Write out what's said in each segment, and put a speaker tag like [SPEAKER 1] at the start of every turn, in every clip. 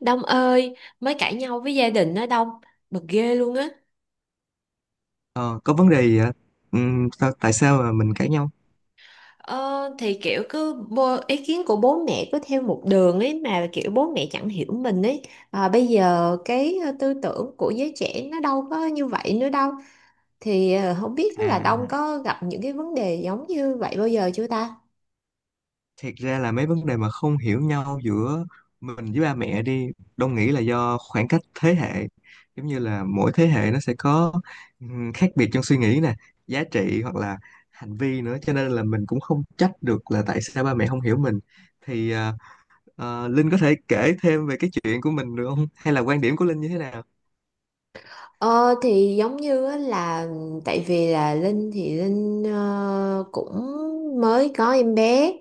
[SPEAKER 1] Đông ơi, mới cãi nhau với gia đình đó Đông, bực ghê luôn á.
[SPEAKER 2] Ờ, có vấn đề gì ạ? Tại sao mà mình cãi nhau?
[SPEAKER 1] Ờ, thì kiểu cứ ý kiến của bố mẹ cứ theo một đường ấy, mà kiểu bố mẹ chẳng hiểu mình ấy. À, bây giờ cái tư tưởng của giới trẻ nó đâu có như vậy nữa đâu. Thì không biết là Đông
[SPEAKER 2] À,
[SPEAKER 1] có gặp những cái vấn đề giống như vậy bao giờ chưa ta?
[SPEAKER 2] Thiệt ra là mấy vấn đề mà không hiểu nhau giữa mình với ba mẹ đi, Đông nghĩ là do khoảng cách thế hệ. Giống như là mỗi thế hệ nó sẽ có khác biệt trong suy nghĩ nè, giá trị hoặc là hành vi nữa. Cho nên là mình cũng không trách được là tại sao ba mẹ không hiểu mình. Thì à, Linh có thể kể thêm về cái chuyện của mình được không? Hay là quan điểm của Linh như thế nào?
[SPEAKER 1] Ờ thì giống như á là tại vì là Linh cũng mới có em bé,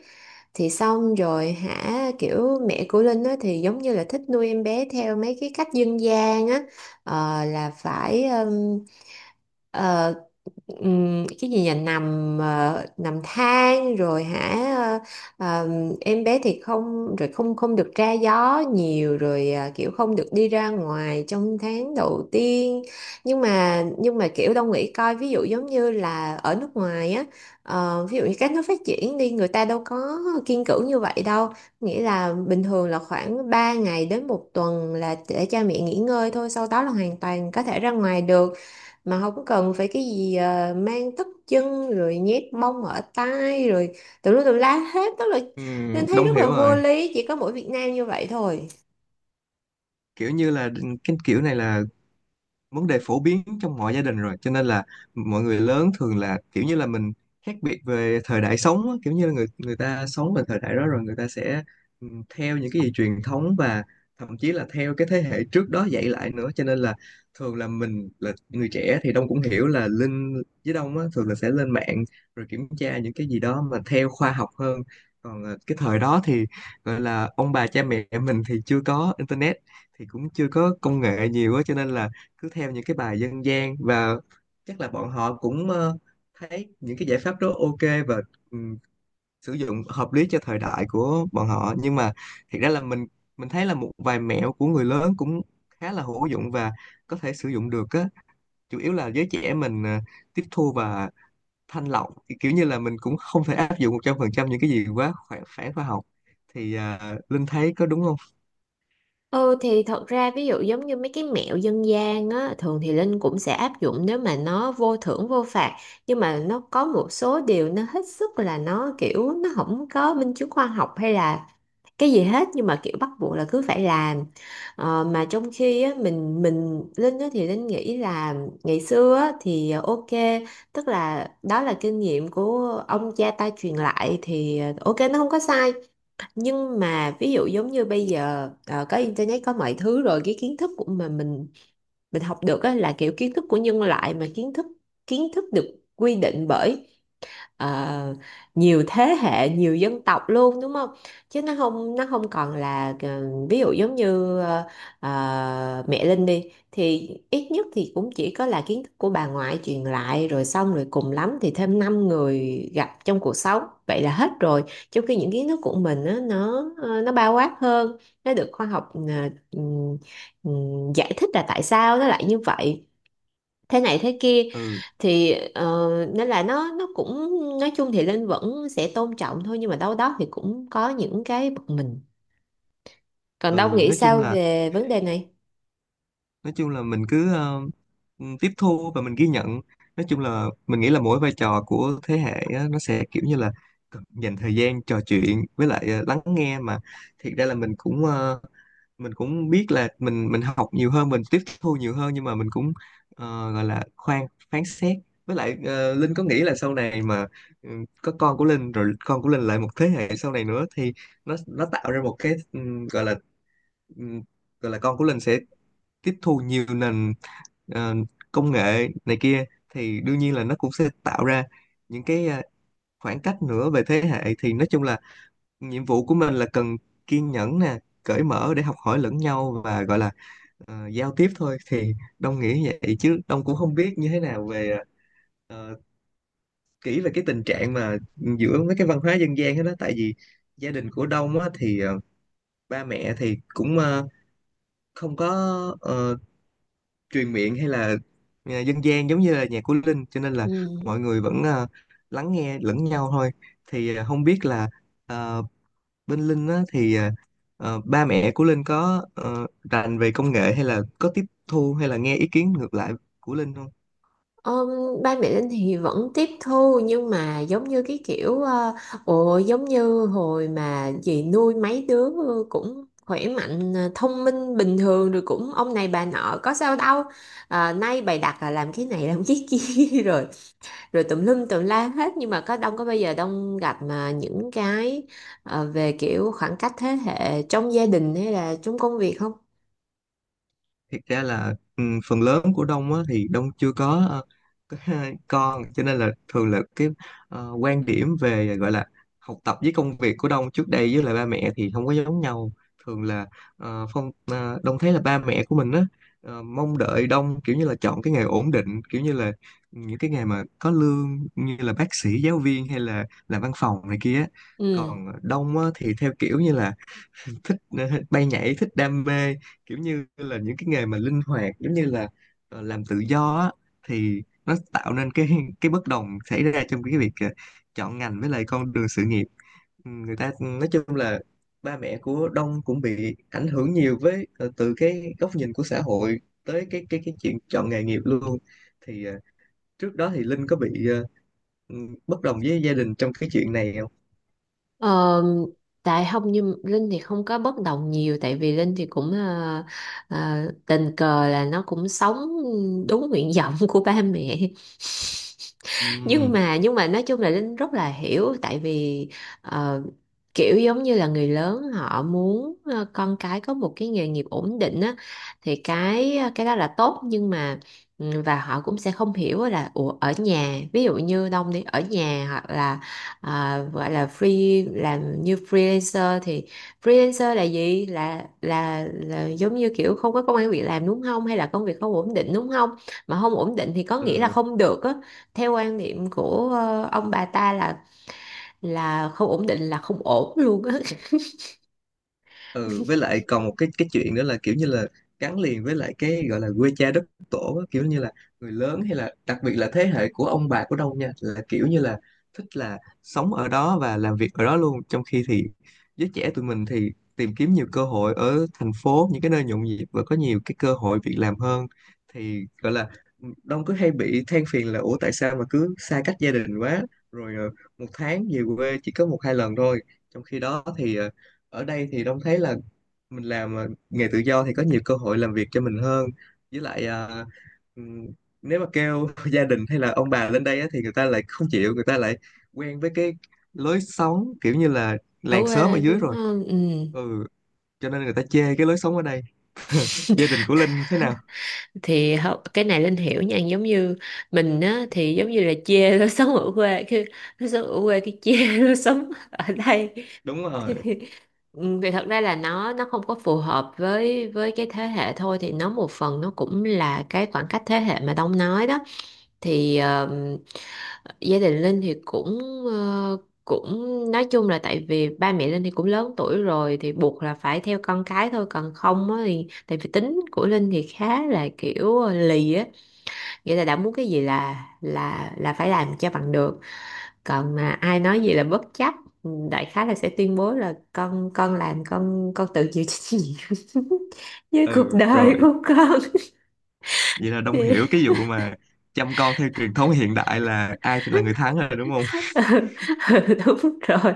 [SPEAKER 1] thì xong rồi hả, kiểu mẹ của Linh á thì giống như là thích nuôi em bé theo mấy cái cách dân gian á. Ờ, là phải um, cái gì nhỉ, nằm nằm than rồi hả, em bé thì không rồi không không được ra gió nhiều rồi à, kiểu không được đi ra ngoài trong tháng đầu tiên. Nhưng mà kiểu Đông nghĩ coi, ví dụ giống như là ở nước ngoài á, ví dụ như các nước phát triển đi, người ta đâu có kiêng cữ như vậy đâu. Nghĩa là bình thường là khoảng 3 ngày đến một tuần là để cha mẹ nghỉ ngơi thôi, sau đó là hoàn toàn có thể ra ngoài được mà không có cần phải cái gì mang tất chân rồi nhét mông ở tai rồi tùm lum tùm la hết, tức là nên thấy
[SPEAKER 2] Đông
[SPEAKER 1] rất là
[SPEAKER 2] hiểu
[SPEAKER 1] vô
[SPEAKER 2] rồi.
[SPEAKER 1] lý, chỉ có mỗi Việt Nam như vậy thôi.
[SPEAKER 2] Kiểu như là cái kiểu này là vấn đề phổ biến trong mọi gia đình rồi cho nên là mọi người lớn thường là kiểu như là mình khác biệt về thời đại sống á, kiểu như là người người ta sống về thời đại đó rồi người ta sẽ ừ, theo những cái gì truyền thống và thậm chí là theo cái thế hệ trước đó dạy lại nữa, cho nên là thường là mình là người trẻ thì Đông cũng hiểu là Linh với Đông á, thường là sẽ lên mạng rồi kiểm tra những cái gì đó mà theo khoa học hơn. Còn cái thời đó thì gọi là ông bà cha mẹ mình thì chưa có internet thì cũng chưa có công nghệ nhiều á, cho nên là cứ theo những cái bài dân gian, và chắc là bọn họ cũng thấy những cái giải pháp đó ok và ừ, sử dụng hợp lý cho thời đại của bọn họ. Nhưng mà thiệt ra là mình thấy là một vài mẹo của người lớn cũng khá là hữu dụng và có thể sử dụng được á. Chủ yếu là giới trẻ mình tiếp thu và thanh lọc, kiểu như là mình cũng không thể áp dụng 100% những cái gì quá phản khoa học. Linh thấy có đúng không?
[SPEAKER 1] Ừ thì thật ra ví dụ giống như mấy cái mẹo dân gian á, thường thì Linh cũng sẽ áp dụng nếu mà nó vô thưởng vô phạt, nhưng mà nó có một số điều nó hết sức là nó kiểu nó không có minh chứng khoa học hay là cái gì hết, nhưng mà kiểu bắt buộc là cứ phải làm. Mà trong khi á, mình Linh á, thì Linh nghĩ là ngày xưa á, thì ok, tức là đó là kinh nghiệm của ông cha ta truyền lại, thì ok, nó không có sai. Nhưng mà ví dụ giống như bây giờ có internet có mọi thứ rồi, cái kiến thức của mà mình học được á, là kiểu kiến thức của nhân loại, mà kiến thức được quy định bởi ờ, nhiều thế hệ, nhiều dân tộc luôn, đúng không? Chứ nó không còn là ờ, ví dụ giống như ờ, ờ, mẹ Linh đi thì ít nhất thì cũng chỉ có là kiến thức của bà ngoại truyền lại, rồi xong rồi cùng lắm thì thêm 5 người gặp trong cuộc sống, vậy là hết rồi. Trong khi những kiến thức của mình á, nó bao quát hơn, nó được khoa học ừm, giải thích là tại sao nó lại như vậy, thế này thế kia.
[SPEAKER 2] ừ
[SPEAKER 1] thì ờ, Nên là nó cũng, nói chung thì Linh vẫn sẽ tôn trọng thôi, nhưng mà đâu đó thì cũng có những cái bực mình. Còn Đông
[SPEAKER 2] ừ
[SPEAKER 1] nghĩ
[SPEAKER 2] nói chung
[SPEAKER 1] sao
[SPEAKER 2] là,
[SPEAKER 1] về vấn đề này?
[SPEAKER 2] mình cứ tiếp thu và mình ghi nhận. Nói chung là mình nghĩ là mỗi vai trò của thế hệ á, nó sẽ kiểu như là cần dành thời gian trò chuyện với lại lắng nghe. Mà thiệt ra là mình cũng mình cũng biết là mình học nhiều hơn, mình tiếp thu nhiều hơn, nhưng mà mình cũng gọi là khoan phán xét. Với lại Linh có nghĩ là sau này mà ừ, có con của Linh rồi con của Linh lại một thế hệ sau này nữa thì nó tạo ra một cái gọi là ừ, gọi là con của Linh sẽ tiếp thu nhiều nền ờ, công nghệ này kia, thì đương nhiên là nó cũng sẽ tạo ra những cái khoảng cách nữa về thế hệ. Thì nói chung là nhiệm vụ của mình là cần kiên nhẫn nè, cởi mở để học hỏi lẫn nhau, và gọi là giao tiếp thôi. Thì Đông nghĩ vậy, chứ Đông cũng không biết như thế nào về ờ, kỹ về cái tình trạng mà giữa mấy cái văn hóa dân gian hết đó. Tại vì gia đình của Đông á, thì ba mẹ thì cũng không có ờ, truyền miệng hay là dân gian giống như là nhạc của Linh, cho nên là
[SPEAKER 1] Ừ.
[SPEAKER 2] mọi người vẫn lắng nghe lẫn nhau thôi. Không biết là à, bên Linh á, ba mẹ của Linh có rành về công nghệ hay là có tiếp thu hay là nghe ý kiến ngược lại của Linh không?
[SPEAKER 1] Ờm, ba mẹ Linh thì vẫn tiếp thu, nhưng mà giống như cái kiểu ồ giống như hồi mà dì nuôi mấy đứa cũng khỏe mạnh, thông minh bình thường rồi cũng ông này bà nọ có sao đâu, à, nay bày đặt là làm cái này làm cái kia rồi rồi tùm lum tùm la hết. Nhưng mà có đông có bao giờ đông gặp mà những cái về kiểu khoảng cách thế hệ trong gia đình hay là trong công việc không?
[SPEAKER 2] Thiệt ra là phần lớn của Đông á, thì Đông chưa có có con, cho nên là thường là cái quan điểm về gọi là học tập với công việc của Đông trước đây với lại ba mẹ thì không có giống nhau. Thường là Đông thấy là ba mẹ của mình á mong đợi Đông kiểu như là chọn cái nghề ổn định, kiểu như là những cái nghề mà có lương như là bác sĩ, giáo viên hay là làm văn phòng này kia á.
[SPEAKER 1] Ừ.
[SPEAKER 2] Còn Đông á, thì theo kiểu như là thích bay nhảy, thích đam mê, kiểu như là những cái nghề mà linh hoạt giống như là làm tự do á, thì nó tạo nên cái bất đồng xảy ra trong cái việc chọn ngành với lại con đường sự nghiệp. Ừ, người ta nói chung là ba mẹ của Đông cũng bị ảnh hưởng nhiều với từ cái góc nhìn của xã hội tới cái chuyện chọn nghề nghiệp luôn. Thì trước đó thì Linh có bị ừ, bất đồng với gia đình trong cái chuyện này không?
[SPEAKER 1] Ờ, tại không, như Linh thì không có bất đồng nhiều, tại vì Linh thì cũng ờ, tình cờ là nó cũng sống đúng nguyện vọng của ba mẹ. nhưng
[SPEAKER 2] Ừ.
[SPEAKER 1] mà nhưng mà nói chung là Linh rất là hiểu, tại vì ờ, kiểu giống như là người lớn họ muốn con cái có một cái nghề nghiệp ổn định á, thì cái cái đó là tốt, nhưng mà ừ, và họ cũng sẽ không hiểu là, ủa ở nhà ví dụ như Đông đi ở nhà, hoặc là gọi là free, làm như freelancer thì freelancer là gì, là giống như kiểu không có công ăn việc làm đúng không, hay là công việc không ổn định đúng không, mà không ổn định thì có nghĩa là
[SPEAKER 2] Ừ.
[SPEAKER 1] không được á, theo quan niệm của ông bà ta là không ổn định là không ổn luôn á.
[SPEAKER 2] ừ với lại còn một cái chuyện nữa là kiểu như là gắn liền với lại cái gọi là quê cha đất tổ á, kiểu như là người lớn hay là đặc biệt là thế hệ của ông bà của Đông nha, là kiểu như là thích là sống ở đó và làm việc ở đó luôn, trong khi thì giới trẻ tụi mình thì tìm kiếm nhiều cơ hội ở thành phố, những cái nơi nhộn nhịp và có nhiều cái cơ hội việc làm hơn. Thì gọi là Đông cứ hay bị than phiền là ủa tại sao mà cứ xa cách gia đình quá, rồi một tháng về quê chỉ có một hai lần thôi. Trong khi đó thì ở đây thì Đông thấy là mình làm nghề tự do thì có nhiều cơ hội làm việc cho mình hơn. Với lại ừm, nếu mà kêu gia đình hay là ông bà lên đây á, thì người ta lại không chịu, người ta lại quen với cái lối sống kiểu như là
[SPEAKER 1] Ở
[SPEAKER 2] làng xóm ở
[SPEAKER 1] quê
[SPEAKER 2] dưới
[SPEAKER 1] đúng
[SPEAKER 2] rồi.
[SPEAKER 1] không, ừ.
[SPEAKER 2] ừ cho nên người ta chê cái lối sống ở đây. Gia đình của Linh thế nào?
[SPEAKER 1] Thì cái này Linh hiểu nha, giống như mình á thì giống như là chê nó sống ở quê, khi nó sống ở quê cái chê nó sống ở đây.
[SPEAKER 2] Đúng
[SPEAKER 1] thì,
[SPEAKER 2] rồi.
[SPEAKER 1] ừ, thì thật ra là nó không có phù hợp với cái thế hệ thôi, thì nó một phần nó cũng là cái khoảng cách thế hệ mà Đông nói đó. thì ờ, Gia đình Linh thì ờ, cũng nói chung là, tại vì ba mẹ Linh thì cũng lớn tuổi rồi thì buộc là phải theo con cái thôi, còn không á thì tại vì tính của Linh thì khá là kiểu lì á, nghĩa là đã muốn cái gì là phải làm cho bằng được, còn mà ai nói gì là bất chấp. Ừ, đại khái là sẽ tuyên bố là con làm con tự chịu trách nhiệm với cuộc
[SPEAKER 2] Ừ
[SPEAKER 1] đời
[SPEAKER 2] Rồi
[SPEAKER 1] của con.
[SPEAKER 2] vậy là Đông
[SPEAKER 1] Thì
[SPEAKER 2] hiểu cái vụ mà chăm con theo truyền thống hiện đại là ai thì là người thắng rồi đúng không?
[SPEAKER 1] ừ, đúng rồi,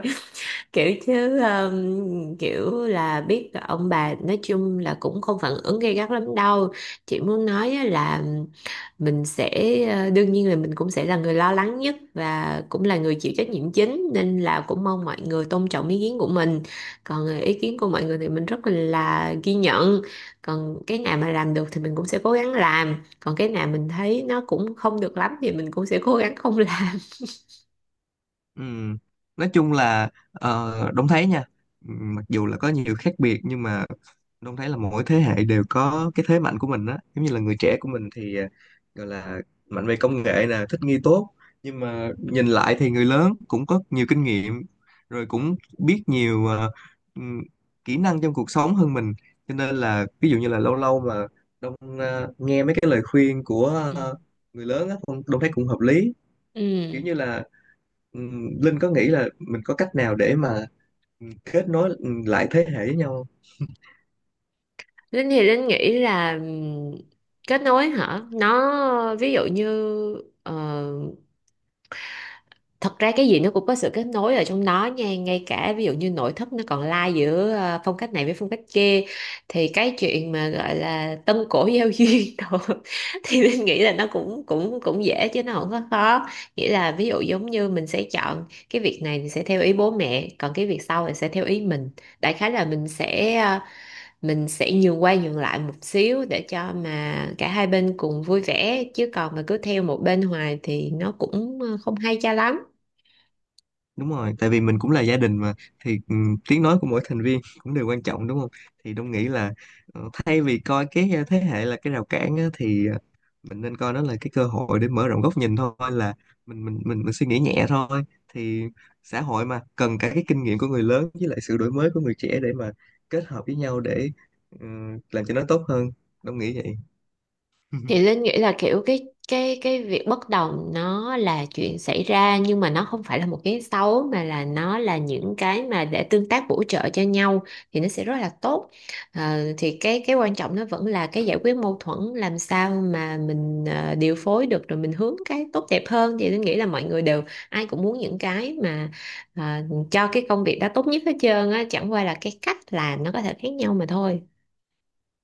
[SPEAKER 1] kiểu chứ kiểu là biết là ông bà nói chung là cũng không phản ứng gay gắt lắm đâu. Chị muốn nói á là mình sẽ đương nhiên là mình cũng sẽ là người lo lắng nhất và cũng là người chịu trách nhiệm chính, nên là cũng mong mọi người tôn trọng ý kiến của mình. Còn ý kiến của mọi người thì mình rất là ghi nhận, còn cái nào mà làm được thì mình cũng sẽ cố gắng làm, còn cái nào mình thấy nó cũng không được lắm thì mình cũng sẽ cố gắng không làm.
[SPEAKER 2] Ừm, Nói chung là Đông thấy nha, mặc dù là có nhiều khác biệt nhưng mà Đông thấy là mỗi thế hệ đều có cái thế mạnh của mình á. Giống như là người trẻ của mình thì gọi là mạnh về công nghệ nè, thích nghi tốt, nhưng mà nhìn lại thì người lớn cũng có nhiều kinh nghiệm, rồi cũng biết nhiều ừm, kỹ năng trong cuộc sống hơn mình. Cho nên là ví dụ như là lâu lâu mà Đông nghe mấy cái lời khuyên của
[SPEAKER 1] Ừ.
[SPEAKER 2] ờ, người lớn á, Đông Đông thấy cũng hợp lý.
[SPEAKER 1] Ừ.
[SPEAKER 2] Kiểu như là Linh có nghĩ là mình có cách nào để mà kết nối lại thế hệ với nhau không?
[SPEAKER 1] Linh thì Linh nghĩ là kết nối hả? Nó ví dụ như ờ, thật ra cái gì nó cũng có sự kết nối ở trong đó nha, ngay cả ví dụ như nội thất nó còn lai giữa phong cách này với phong cách kia, thì cái chuyện mà gọi là tân cổ giao duyên đồ, thì Linh nghĩ là nó cũng cũng cũng dễ chứ nó không có khó. Nghĩa là ví dụ giống như mình sẽ chọn cái việc này thì sẽ theo ý bố mẹ, còn cái việc sau thì sẽ theo ý mình. Đại khái là mình sẽ nhường qua nhường lại một xíu để cho mà cả hai bên cùng vui vẻ, chứ còn mà cứ theo một bên hoài thì nó cũng không hay cho lắm.
[SPEAKER 2] Đúng rồi, tại vì mình cũng là gia đình mà, thì tiếng nói của mỗi thành viên cũng đều quan trọng đúng không? Thì Đông nghĩ là thay vì coi cái thế hệ là cái rào cản á, thì mình nên coi nó là cái cơ hội để mở rộng góc nhìn thôi, là mình suy nghĩ nhẹ thôi. Thì xã hội mà cần cả cái kinh nghiệm của người lớn với lại sự đổi mới của người trẻ để mà kết hợp với nhau để làm cho nó tốt hơn. Đông nghĩ vậy.
[SPEAKER 1] Thì Linh nghĩ là kiểu cái việc bất đồng nó là chuyện xảy ra, nhưng mà nó không phải là một cái xấu, mà là nó là những cái mà để tương tác bổ trợ cho nhau, thì nó sẽ rất là tốt. Ờ, thì cái quan trọng nó vẫn là cái giải quyết mâu thuẫn, làm sao mà mình điều phối được rồi mình hướng cái tốt đẹp hơn, thì Linh nghĩ là mọi người đều, ai cũng muốn những cái mà ờ, cho cái công việc đó tốt nhất hết trơn á, chẳng qua là cái cách làm nó có thể khác nhau mà thôi.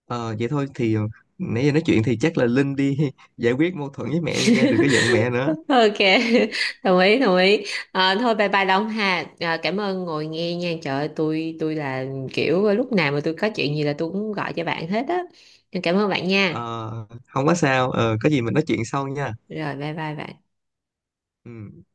[SPEAKER 2] Ờ vậy thôi thì nãy giờ nói chuyện thì chắc là Linh đi giải quyết mâu thuẫn với mẹ đi nha, đừng có giận mẹ nữa.
[SPEAKER 1] Ok. Đồng ý, đồng ý. À, thôi bye bye Đông ha, à, cảm ơn ngồi nghe nha, trời ơi, tôi là kiểu lúc nào mà tôi có chuyện gì là tôi cũng gọi cho bạn hết á, cảm ơn bạn nha.
[SPEAKER 2] Ờ, không có sao, ờ có gì mình nói chuyện sau nha.
[SPEAKER 1] Rồi bye bye bạn.
[SPEAKER 2] Ừ.